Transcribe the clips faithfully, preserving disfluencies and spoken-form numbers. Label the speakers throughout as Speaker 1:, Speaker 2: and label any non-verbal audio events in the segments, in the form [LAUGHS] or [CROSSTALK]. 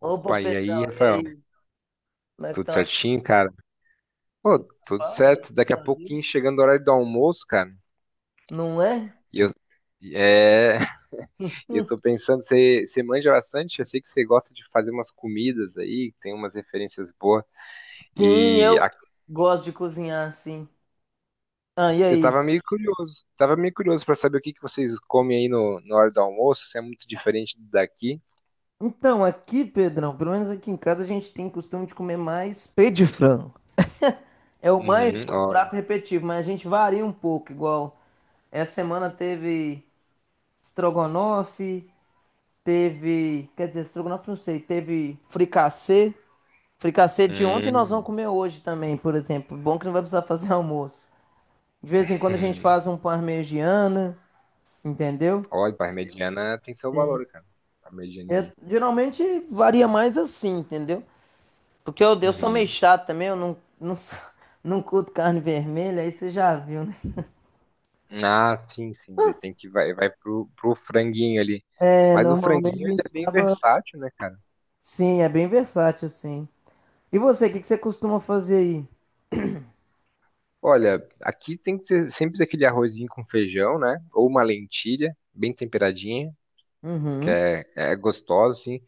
Speaker 1: Opa,
Speaker 2: Opa, e aí,
Speaker 1: Pedrão, e
Speaker 2: Rafael?
Speaker 1: aí? Como é que
Speaker 2: Tudo
Speaker 1: estão as coisas?
Speaker 2: certinho, cara? Pô,
Speaker 1: Tudo na
Speaker 2: tudo
Speaker 1: paz,
Speaker 2: certo. Daqui
Speaker 1: graças
Speaker 2: a
Speaker 1: a
Speaker 2: pouquinho,
Speaker 1: Deus.
Speaker 2: chegando o horário do almoço, cara.
Speaker 1: Não é?
Speaker 2: E eu, é, [LAUGHS] e eu tô
Speaker 1: [LAUGHS]
Speaker 2: pensando, você, você manja bastante? Eu sei que você gosta de fazer umas comidas aí, que tem umas referências boas.
Speaker 1: Sim,
Speaker 2: E
Speaker 1: eu
Speaker 2: a-
Speaker 1: gosto de cozinhar assim. Ah, e
Speaker 2: eu
Speaker 1: aí?
Speaker 2: tava meio curioso, tava meio curioso pra saber o que que vocês comem aí no, na hora do almoço, se é muito diferente do daqui.
Speaker 1: Então, aqui, Pedrão, pelo menos aqui em casa a gente tem costume de comer mais peito de frango. É o
Speaker 2: Uhum,
Speaker 1: mais o
Speaker 2: olha.
Speaker 1: prato repetitivo, mas a gente varia um pouco, igual essa semana teve estrogonofe, teve, quer dizer, estrogonofe não sei, teve fricassê. Fricassê de ontem nós vamos
Speaker 2: Hum,
Speaker 1: comer hoje também, por exemplo. Bom que não vai precisar fazer [LAUGHS] almoço. De vez em quando a gente
Speaker 2: hum.
Speaker 1: faz um parmegiana, entendeu?
Speaker 2: Olha, parmegiana tem seu valor, cara.
Speaker 1: Eu,
Speaker 2: Parmegianinha.
Speaker 1: geralmente varia mais assim, entendeu? Porque eu, eu sou meio chato também, eu não, não, sou- [LAUGHS] não curto carne vermelha, aí você já viu, né?
Speaker 2: Ah, sim, sim. Daí tem que vai, vai pro, pro franguinho ali.
Speaker 1: É,
Speaker 2: Mas o
Speaker 1: normalmente
Speaker 2: franguinho
Speaker 1: a
Speaker 2: ele é
Speaker 1: gente
Speaker 2: bem
Speaker 1: acaba.
Speaker 2: versátil, né, cara?
Speaker 1: Sim, é bem versátil, sim. E você, o que que você costuma fazer aí?
Speaker 2: Olha, aqui tem que ter sempre aquele arrozinho com feijão, né? Ou uma lentilha bem temperadinha, que
Speaker 1: Uhum,
Speaker 2: é, é gostosa, assim.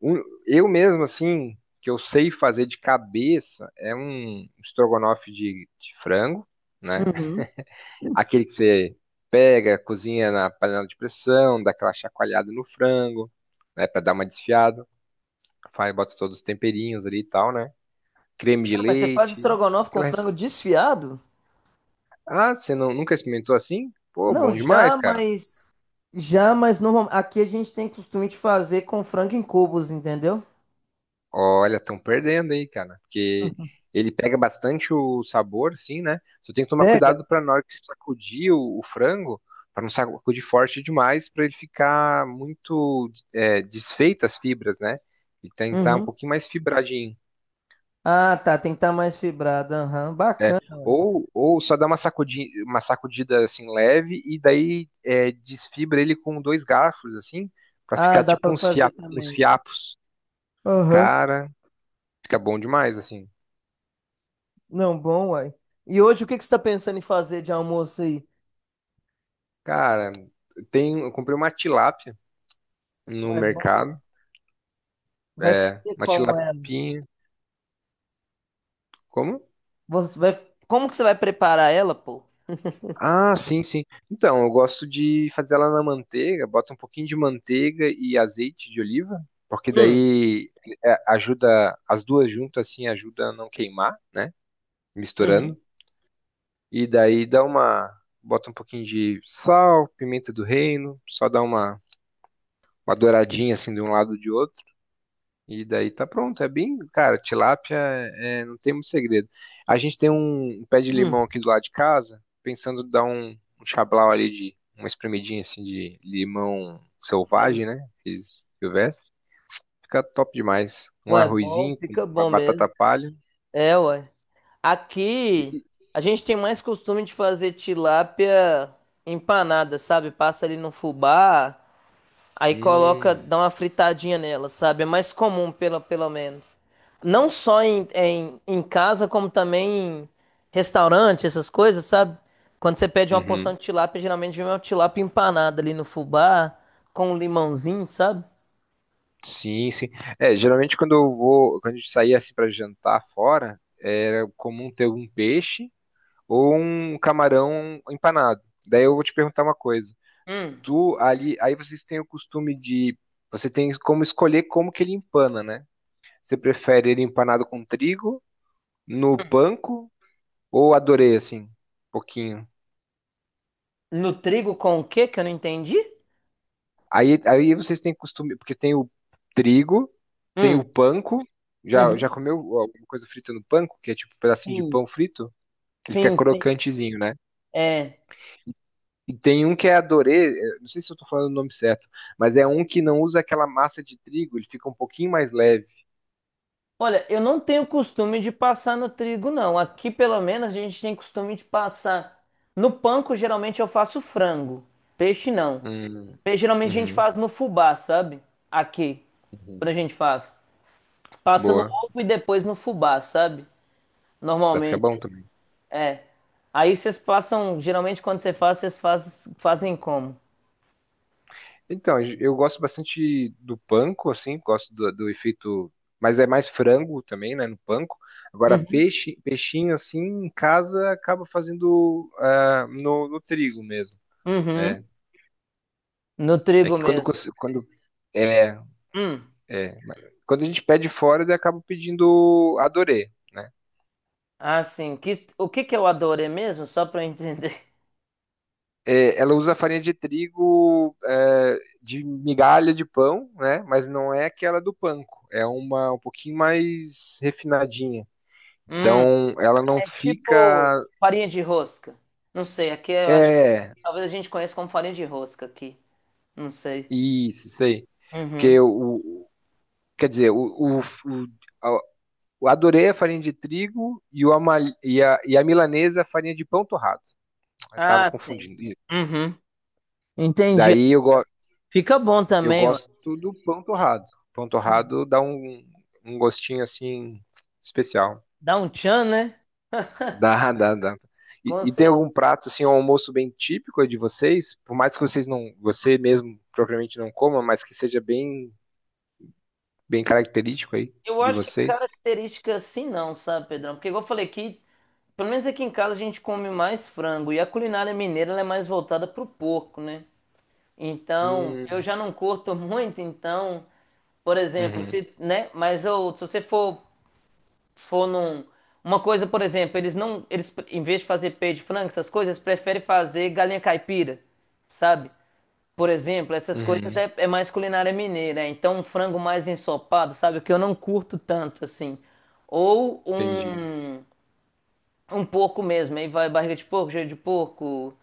Speaker 2: Um- eu mesmo, assim, que eu sei fazer de cabeça, é um estrogonofe de, de frango, né?
Speaker 1: uhum.
Speaker 2: Aquele que você pega, cozinha na panela de pressão, dá aquela chacoalhada no frango, né, para dar uma desfiada. Faz, bota todos os temperinhos ali e tal, né? Creme de
Speaker 1: Ah, mas você faz
Speaker 2: leite.
Speaker 1: estrogonofe com
Speaker 2: aquelas-
Speaker 1: frango desfiado?
Speaker 2: Ah, você não, nunca experimentou assim? Pô,
Speaker 1: Não,
Speaker 2: bom demais,
Speaker 1: já,
Speaker 2: cara.
Speaker 1: mas. Já, mas normal, aqui a gente tem costume de fazer com frango em cubos, entendeu?
Speaker 2: Olha, estão perdendo aí, cara. Porque ele pega bastante o sabor, sim, né? Só tem que tomar
Speaker 1: Pega?
Speaker 2: cuidado pra na hora que sacudir o, o frango, pra não sacudir forte demais, pra ele ficar muito é, desfeito as fibras, né? E tentar um
Speaker 1: Uhum.
Speaker 2: pouquinho mais fibradinho.
Speaker 1: Ah, tá, tem que estar mais fibrado. Aham, bacana. Ué.
Speaker 2: Ou, ou só dá uma sacudida, uma sacudida assim leve e daí é, desfibra ele com dois garfos, assim, pra
Speaker 1: Ah,
Speaker 2: ficar
Speaker 1: dá
Speaker 2: tipo
Speaker 1: pra
Speaker 2: uns, fia,
Speaker 1: fazer
Speaker 2: uns
Speaker 1: também.
Speaker 2: fiapos.
Speaker 1: Aham.
Speaker 2: Cara, fica bom demais, assim.
Speaker 1: Não, bom, uai. E hoje o que que você tá pensando em fazer de almoço aí?
Speaker 2: Cara, tem, eu comprei uma tilápia no
Speaker 1: É boa?
Speaker 2: mercado.
Speaker 1: Vai
Speaker 2: É,
Speaker 1: fazer
Speaker 2: uma
Speaker 1: como ela?
Speaker 2: tilapinha. Como?
Speaker 1: Você vai. Como que você vai preparar ela, pô?
Speaker 2: Ah, sim, sim. Então, eu gosto de fazer ela na manteiga, bota um pouquinho de manteiga e azeite de oliva, porque
Speaker 1: Hum,
Speaker 2: daí é, ajuda, as duas juntas assim, ajuda a não queimar, né?
Speaker 1: uhum,
Speaker 2: Misturando. E daí dá uma. Bota um pouquinho de sal, pimenta do reino, só dá uma, uma douradinha assim de um lado e de outro. E daí tá pronto. É bem, cara, tilápia é, é, não tem muito segredo. A gente tem um, um pé de
Speaker 1: hum,
Speaker 2: limão aqui do lado de casa, pensando em dar um, um chablau ali de uma espremidinha assim de limão
Speaker 1: sim.
Speaker 2: selvagem, né? Fiz silvestre. Fica top demais. Um
Speaker 1: Ué, bom,
Speaker 2: arrozinho com
Speaker 1: fica
Speaker 2: ba-
Speaker 1: bom
Speaker 2: batata
Speaker 1: mesmo.
Speaker 2: palha.
Speaker 1: É, ué. Aqui
Speaker 2: E,
Speaker 1: a gente tem mais costume de fazer tilápia empanada, sabe? Passa ali no fubá, aí coloca,
Speaker 2: hum,
Speaker 1: dá uma fritadinha nela, sabe? É mais comum, pelo, pelo menos. Não só em, em, em casa, como também em restaurante, essas coisas, sabe? Quando você pede uma porção
Speaker 2: uhum.
Speaker 1: de tilápia, geralmente vem uma tilápia empanada ali no fubá, com um limãozinho, sabe?
Speaker 2: Sim, sim. É, geralmente quando eu vou, quando a gente saía assim para jantar fora, era comum ter um peixe ou um camarão empanado. Daí eu vou te perguntar uma coisa.
Speaker 1: Hum,
Speaker 2: Tu ali, aí vocês têm o costume de, você tem como escolher como que ele empana, né? Você prefere ele empanado com trigo, no
Speaker 1: hum.
Speaker 2: panko ou adorei assim, um pouquinho?
Speaker 1: No trigo com o quê que eu não entendi?
Speaker 2: Aí, aí vocês têm costume, porque tem o trigo, tem
Speaker 1: Hum,
Speaker 2: o panko. Já, já
Speaker 1: uhum.
Speaker 2: comeu alguma coisa frita no panko, que é tipo um pedacinho de
Speaker 1: Sim,
Speaker 2: pão frito? Ele fica
Speaker 1: sim, sim.
Speaker 2: crocantezinho, né?
Speaker 1: É.
Speaker 2: E tem um que é adorê, eu não sei se eu tô falando o nome certo, mas é um que não usa aquela massa de trigo, ele fica um pouquinho mais leve.
Speaker 1: Olha, eu não tenho costume de passar no trigo, não. Aqui, pelo menos, a gente tem costume de passar. No panko, geralmente eu faço frango. Peixe, não.
Speaker 2: Hum,
Speaker 1: Peixe, geralmente a gente
Speaker 2: uhum,
Speaker 1: faz no fubá, sabe? Aqui, quando
Speaker 2: uhum.
Speaker 1: a gente faz. Passa no
Speaker 2: Boa.
Speaker 1: ovo e depois no fubá, sabe?
Speaker 2: Vai ficar
Speaker 1: Normalmente,
Speaker 2: bom também.
Speaker 1: é. Aí vocês passam, geralmente quando você faz, vocês faz- fazem como?
Speaker 2: Então, eu gosto bastante do panko, assim, gosto do, do efeito, mas é mais frango também, né, no panko. Agora,
Speaker 1: Uhum.
Speaker 2: peixe, peixinho, assim, em casa, acaba fazendo ah, no, no trigo mesmo, né?
Speaker 1: Uhum. No
Speaker 2: É
Speaker 1: trigo
Speaker 2: que quando,
Speaker 1: mesmo.
Speaker 2: cons- quando, é,
Speaker 1: Hum.
Speaker 2: é, quando a gente pede fora, eu acabo pedindo adorê, né?
Speaker 1: Ah, sim. Que, o que que é o adorê mesmo? Só pra eu entender.
Speaker 2: É, ela usa farinha de trigo, é, de migalha de pão, né? Mas não é aquela do panko, é uma um pouquinho mais refinadinha.
Speaker 1: [LAUGHS] Hum.
Speaker 2: Então, ela não
Speaker 1: É tipo
Speaker 2: fica.
Speaker 1: farinha de rosca. Não sei, aqui eu acho que
Speaker 2: É,
Speaker 1: talvez a gente conheça como farinha de rosca aqui. Não sei.
Speaker 2: isso, isso aí.
Speaker 1: Uhum.
Speaker 2: Porque o. Quer dizer, o, o, o- a- eu adorei a farinha de trigo e, o ama- e, a, e a milanesa a farinha de pão torrado. Eu tava
Speaker 1: Ah, sim.
Speaker 2: confundindo. Isso.
Speaker 1: Uhum. Entendi.
Speaker 2: Daí eu, go,
Speaker 1: Fica bom
Speaker 2: eu
Speaker 1: também, ué.
Speaker 2: gosto do pão torrado. Pão
Speaker 1: Uhum.
Speaker 2: torrado dá um, um gostinho assim especial.
Speaker 1: Dá um tchan, né?
Speaker 2: Dá, dá, dá. E,
Speaker 1: Com
Speaker 2: e tem
Speaker 1: certeza.
Speaker 2: algum prato assim, um almoço bem típico de vocês? Por mais que vocês não, você mesmo propriamente não coma, mas que seja bem bem característico aí
Speaker 1: Eu
Speaker 2: de
Speaker 1: acho que
Speaker 2: vocês?
Speaker 1: característica assim não, sabe, Pedrão? Porque igual eu falei aqui, pelo menos aqui em casa a gente come mais frango. E a culinária mineira ela é mais voltada pro porco, né? Então, eu
Speaker 2: Hum,
Speaker 1: já não curto muito, então, por exemplo,
Speaker 2: uhum,
Speaker 1: se, né? Mas eu, se você for for num. Uma coisa, por exemplo, eles não. Eles, pre- em vez de fazer peito de frango, essas coisas, eles preferem fazer galinha caipira, sabe? Por exemplo, essas coisas
Speaker 2: uhum,
Speaker 1: é, é mais culinária mineira. É, então, um frango mais ensopado, sabe? O que eu não curto tanto, assim. Ou
Speaker 2: entendi.
Speaker 1: um, um porco mesmo. Aí vai barriga de porco, joelho de porco,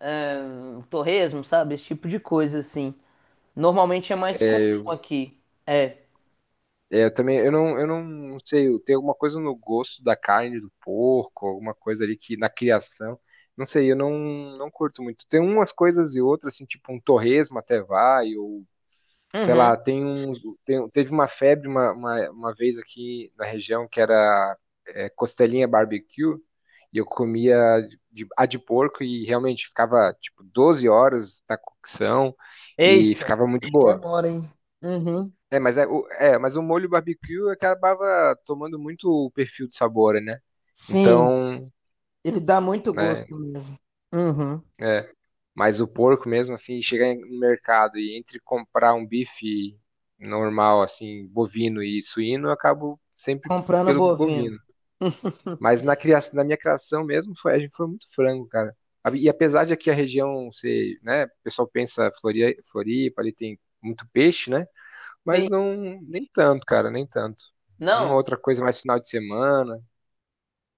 Speaker 1: ahn, torresmo, sabe? Esse tipo de coisa, assim. Normalmente é mais comum
Speaker 2: É, eu,
Speaker 1: aqui. É.
Speaker 2: é, eu também, eu não, eu não sei, tem alguma coisa no gosto da carne do porco, alguma coisa ali que na criação, não sei, eu não, não curto muito. Tem umas coisas e outras, assim, tipo um torresmo até vai, ou sei lá,
Speaker 1: Uhum.
Speaker 2: tem um, tem- teve uma febre uma, uma, uma vez aqui na região que era é, costelinha barbecue, e eu comia de, a de porco e realmente ficava tipo doze horas na cocção e
Speaker 1: Eita.
Speaker 2: ficava muito boa.
Speaker 1: Demora, hein? Uhum.
Speaker 2: É, mas, é, o- é, mas o molho barbecue acabava tomando muito o perfil de sabor, né?
Speaker 1: Sim.
Speaker 2: Então,
Speaker 1: Ele dá muito
Speaker 2: né?
Speaker 1: gosto mesmo. Uhum.
Speaker 2: É. Mas o porco mesmo, assim, chegar no mercado e entre comprar um bife normal, assim, bovino e suíno, eu acabo sempre
Speaker 1: Comprando
Speaker 2: pelo
Speaker 1: bovino.
Speaker 2: bovino. Mas
Speaker 1: [LAUGHS]
Speaker 2: na criação, na minha criação mesmo, foi, a gente foi muito frango, cara. A- E apesar de aqui a região ser, né, o pessoal pensa Flori- Floripa, ali tem muito peixe, né?
Speaker 1: Sim.
Speaker 2: Mas não, nem tanto, cara, nem tanto. Uma
Speaker 1: Não,
Speaker 2: outra coisa mais final de semana.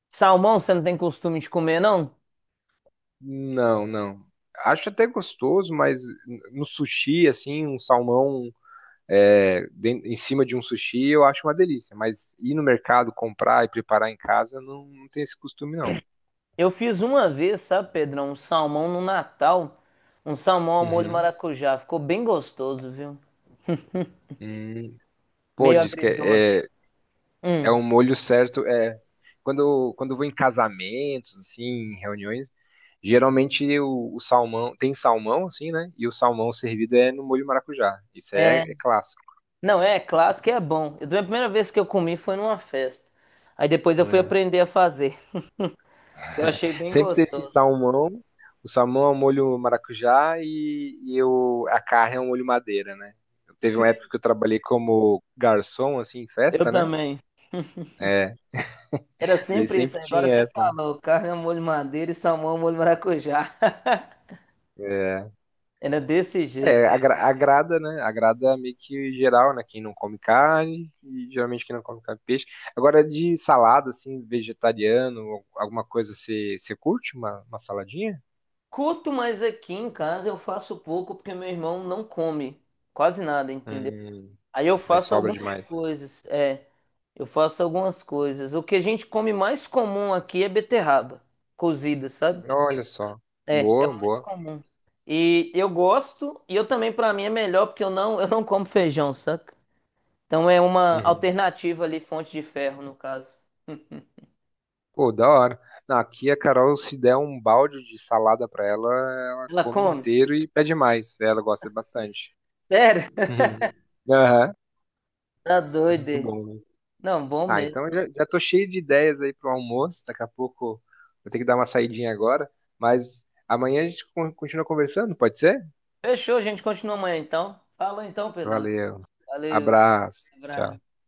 Speaker 1: salmão você não tem costume de comer, não?
Speaker 2: Não, não. Acho até gostoso, mas no sushi, assim, um salmão é, em cima de um sushi, eu acho uma delícia. Mas ir no mercado, comprar e preparar em casa, não, não tem esse costume, não.
Speaker 1: Eu fiz uma vez, sabe, Pedrão? Um salmão no Natal. Um salmão ao molho
Speaker 2: Uhum.
Speaker 1: maracujá. Ficou bem gostoso, viu?
Speaker 2: Hum. Pô,
Speaker 1: Meio
Speaker 2: diz que
Speaker 1: agridoce.
Speaker 2: é, é é
Speaker 1: Hum.
Speaker 2: um molho certo. É, quando, quando eu vou em casamentos, assim, em reuniões, geralmente o, o salmão, tem salmão, assim, né? E o salmão servido é no molho maracujá. Isso aí
Speaker 1: É.
Speaker 2: é, é clássico.
Speaker 1: Não, é clássico e é bom. Eu, a primeira vez que eu comi foi numa festa. Aí depois eu fui aprender a fazer, [LAUGHS] que eu achei bem
Speaker 2: Sempre tem esse
Speaker 1: gostoso.
Speaker 2: salmão. O salmão é um molho maracujá e, e eu, a carne é um molho madeira, né? Teve uma época
Speaker 1: Sim.
Speaker 2: que eu trabalhei como garçom, assim, em
Speaker 1: Eu
Speaker 2: festa, né?
Speaker 1: também.
Speaker 2: É,
Speaker 1: Era
Speaker 2: daí
Speaker 1: sempre isso,
Speaker 2: sempre
Speaker 1: agora
Speaker 2: tinha
Speaker 1: você
Speaker 2: essa, né?
Speaker 1: falou, carne ao molho madeira e salmão ao molho maracujá.
Speaker 2: É,
Speaker 1: [LAUGHS] Era desse jeito.
Speaker 2: é agra- agrada, né? Agrada meio que geral, né? Quem não come carne, e geralmente quem não come carne, peixe. Agora, de salada, assim, vegetariano, ou alguma coisa, você, você curte uma, uma saladinha?
Speaker 1: Curto, mas aqui em casa eu faço pouco porque meu irmão não come quase nada, entendeu?
Speaker 2: Hum,
Speaker 1: Aí eu
Speaker 2: daí
Speaker 1: faço
Speaker 2: sobra
Speaker 1: algumas
Speaker 2: demais.
Speaker 1: coisas, é, eu faço algumas coisas. O que a gente come mais comum aqui é beterraba cozida, sabe?
Speaker 2: Olha só.
Speaker 1: É, é o
Speaker 2: Boa,
Speaker 1: mais
Speaker 2: boa.
Speaker 1: comum. E eu gosto, e eu também pra mim é melhor porque eu não, eu não como feijão, saca? Então é uma
Speaker 2: Uhum.
Speaker 1: alternativa ali, fonte de ferro no caso.
Speaker 2: Pô, da hora. Não, aqui a Carol, se der um balde de salada pra ela, ela
Speaker 1: Ela
Speaker 2: come
Speaker 1: come?
Speaker 2: inteiro e pede mais. Ela gosta bastante. [LAUGHS]
Speaker 1: Sério?
Speaker 2: Uhum. Aham,
Speaker 1: Tá doido.
Speaker 2: muito
Speaker 1: É.
Speaker 2: bom mesmo.
Speaker 1: Não, bom
Speaker 2: Ah,
Speaker 1: mesmo.
Speaker 2: então já, já tô cheio de ideias aí pro almoço. Daqui a pouco vou ter que dar uma saidinha agora. Mas amanhã a gente con- continua conversando, pode ser?
Speaker 1: Fechou, a gente continua amanhã então. Falou então, Pedrão.
Speaker 2: Valeu.
Speaker 1: Valeu,
Speaker 2: Abraço. Tchau.
Speaker 1: abraço.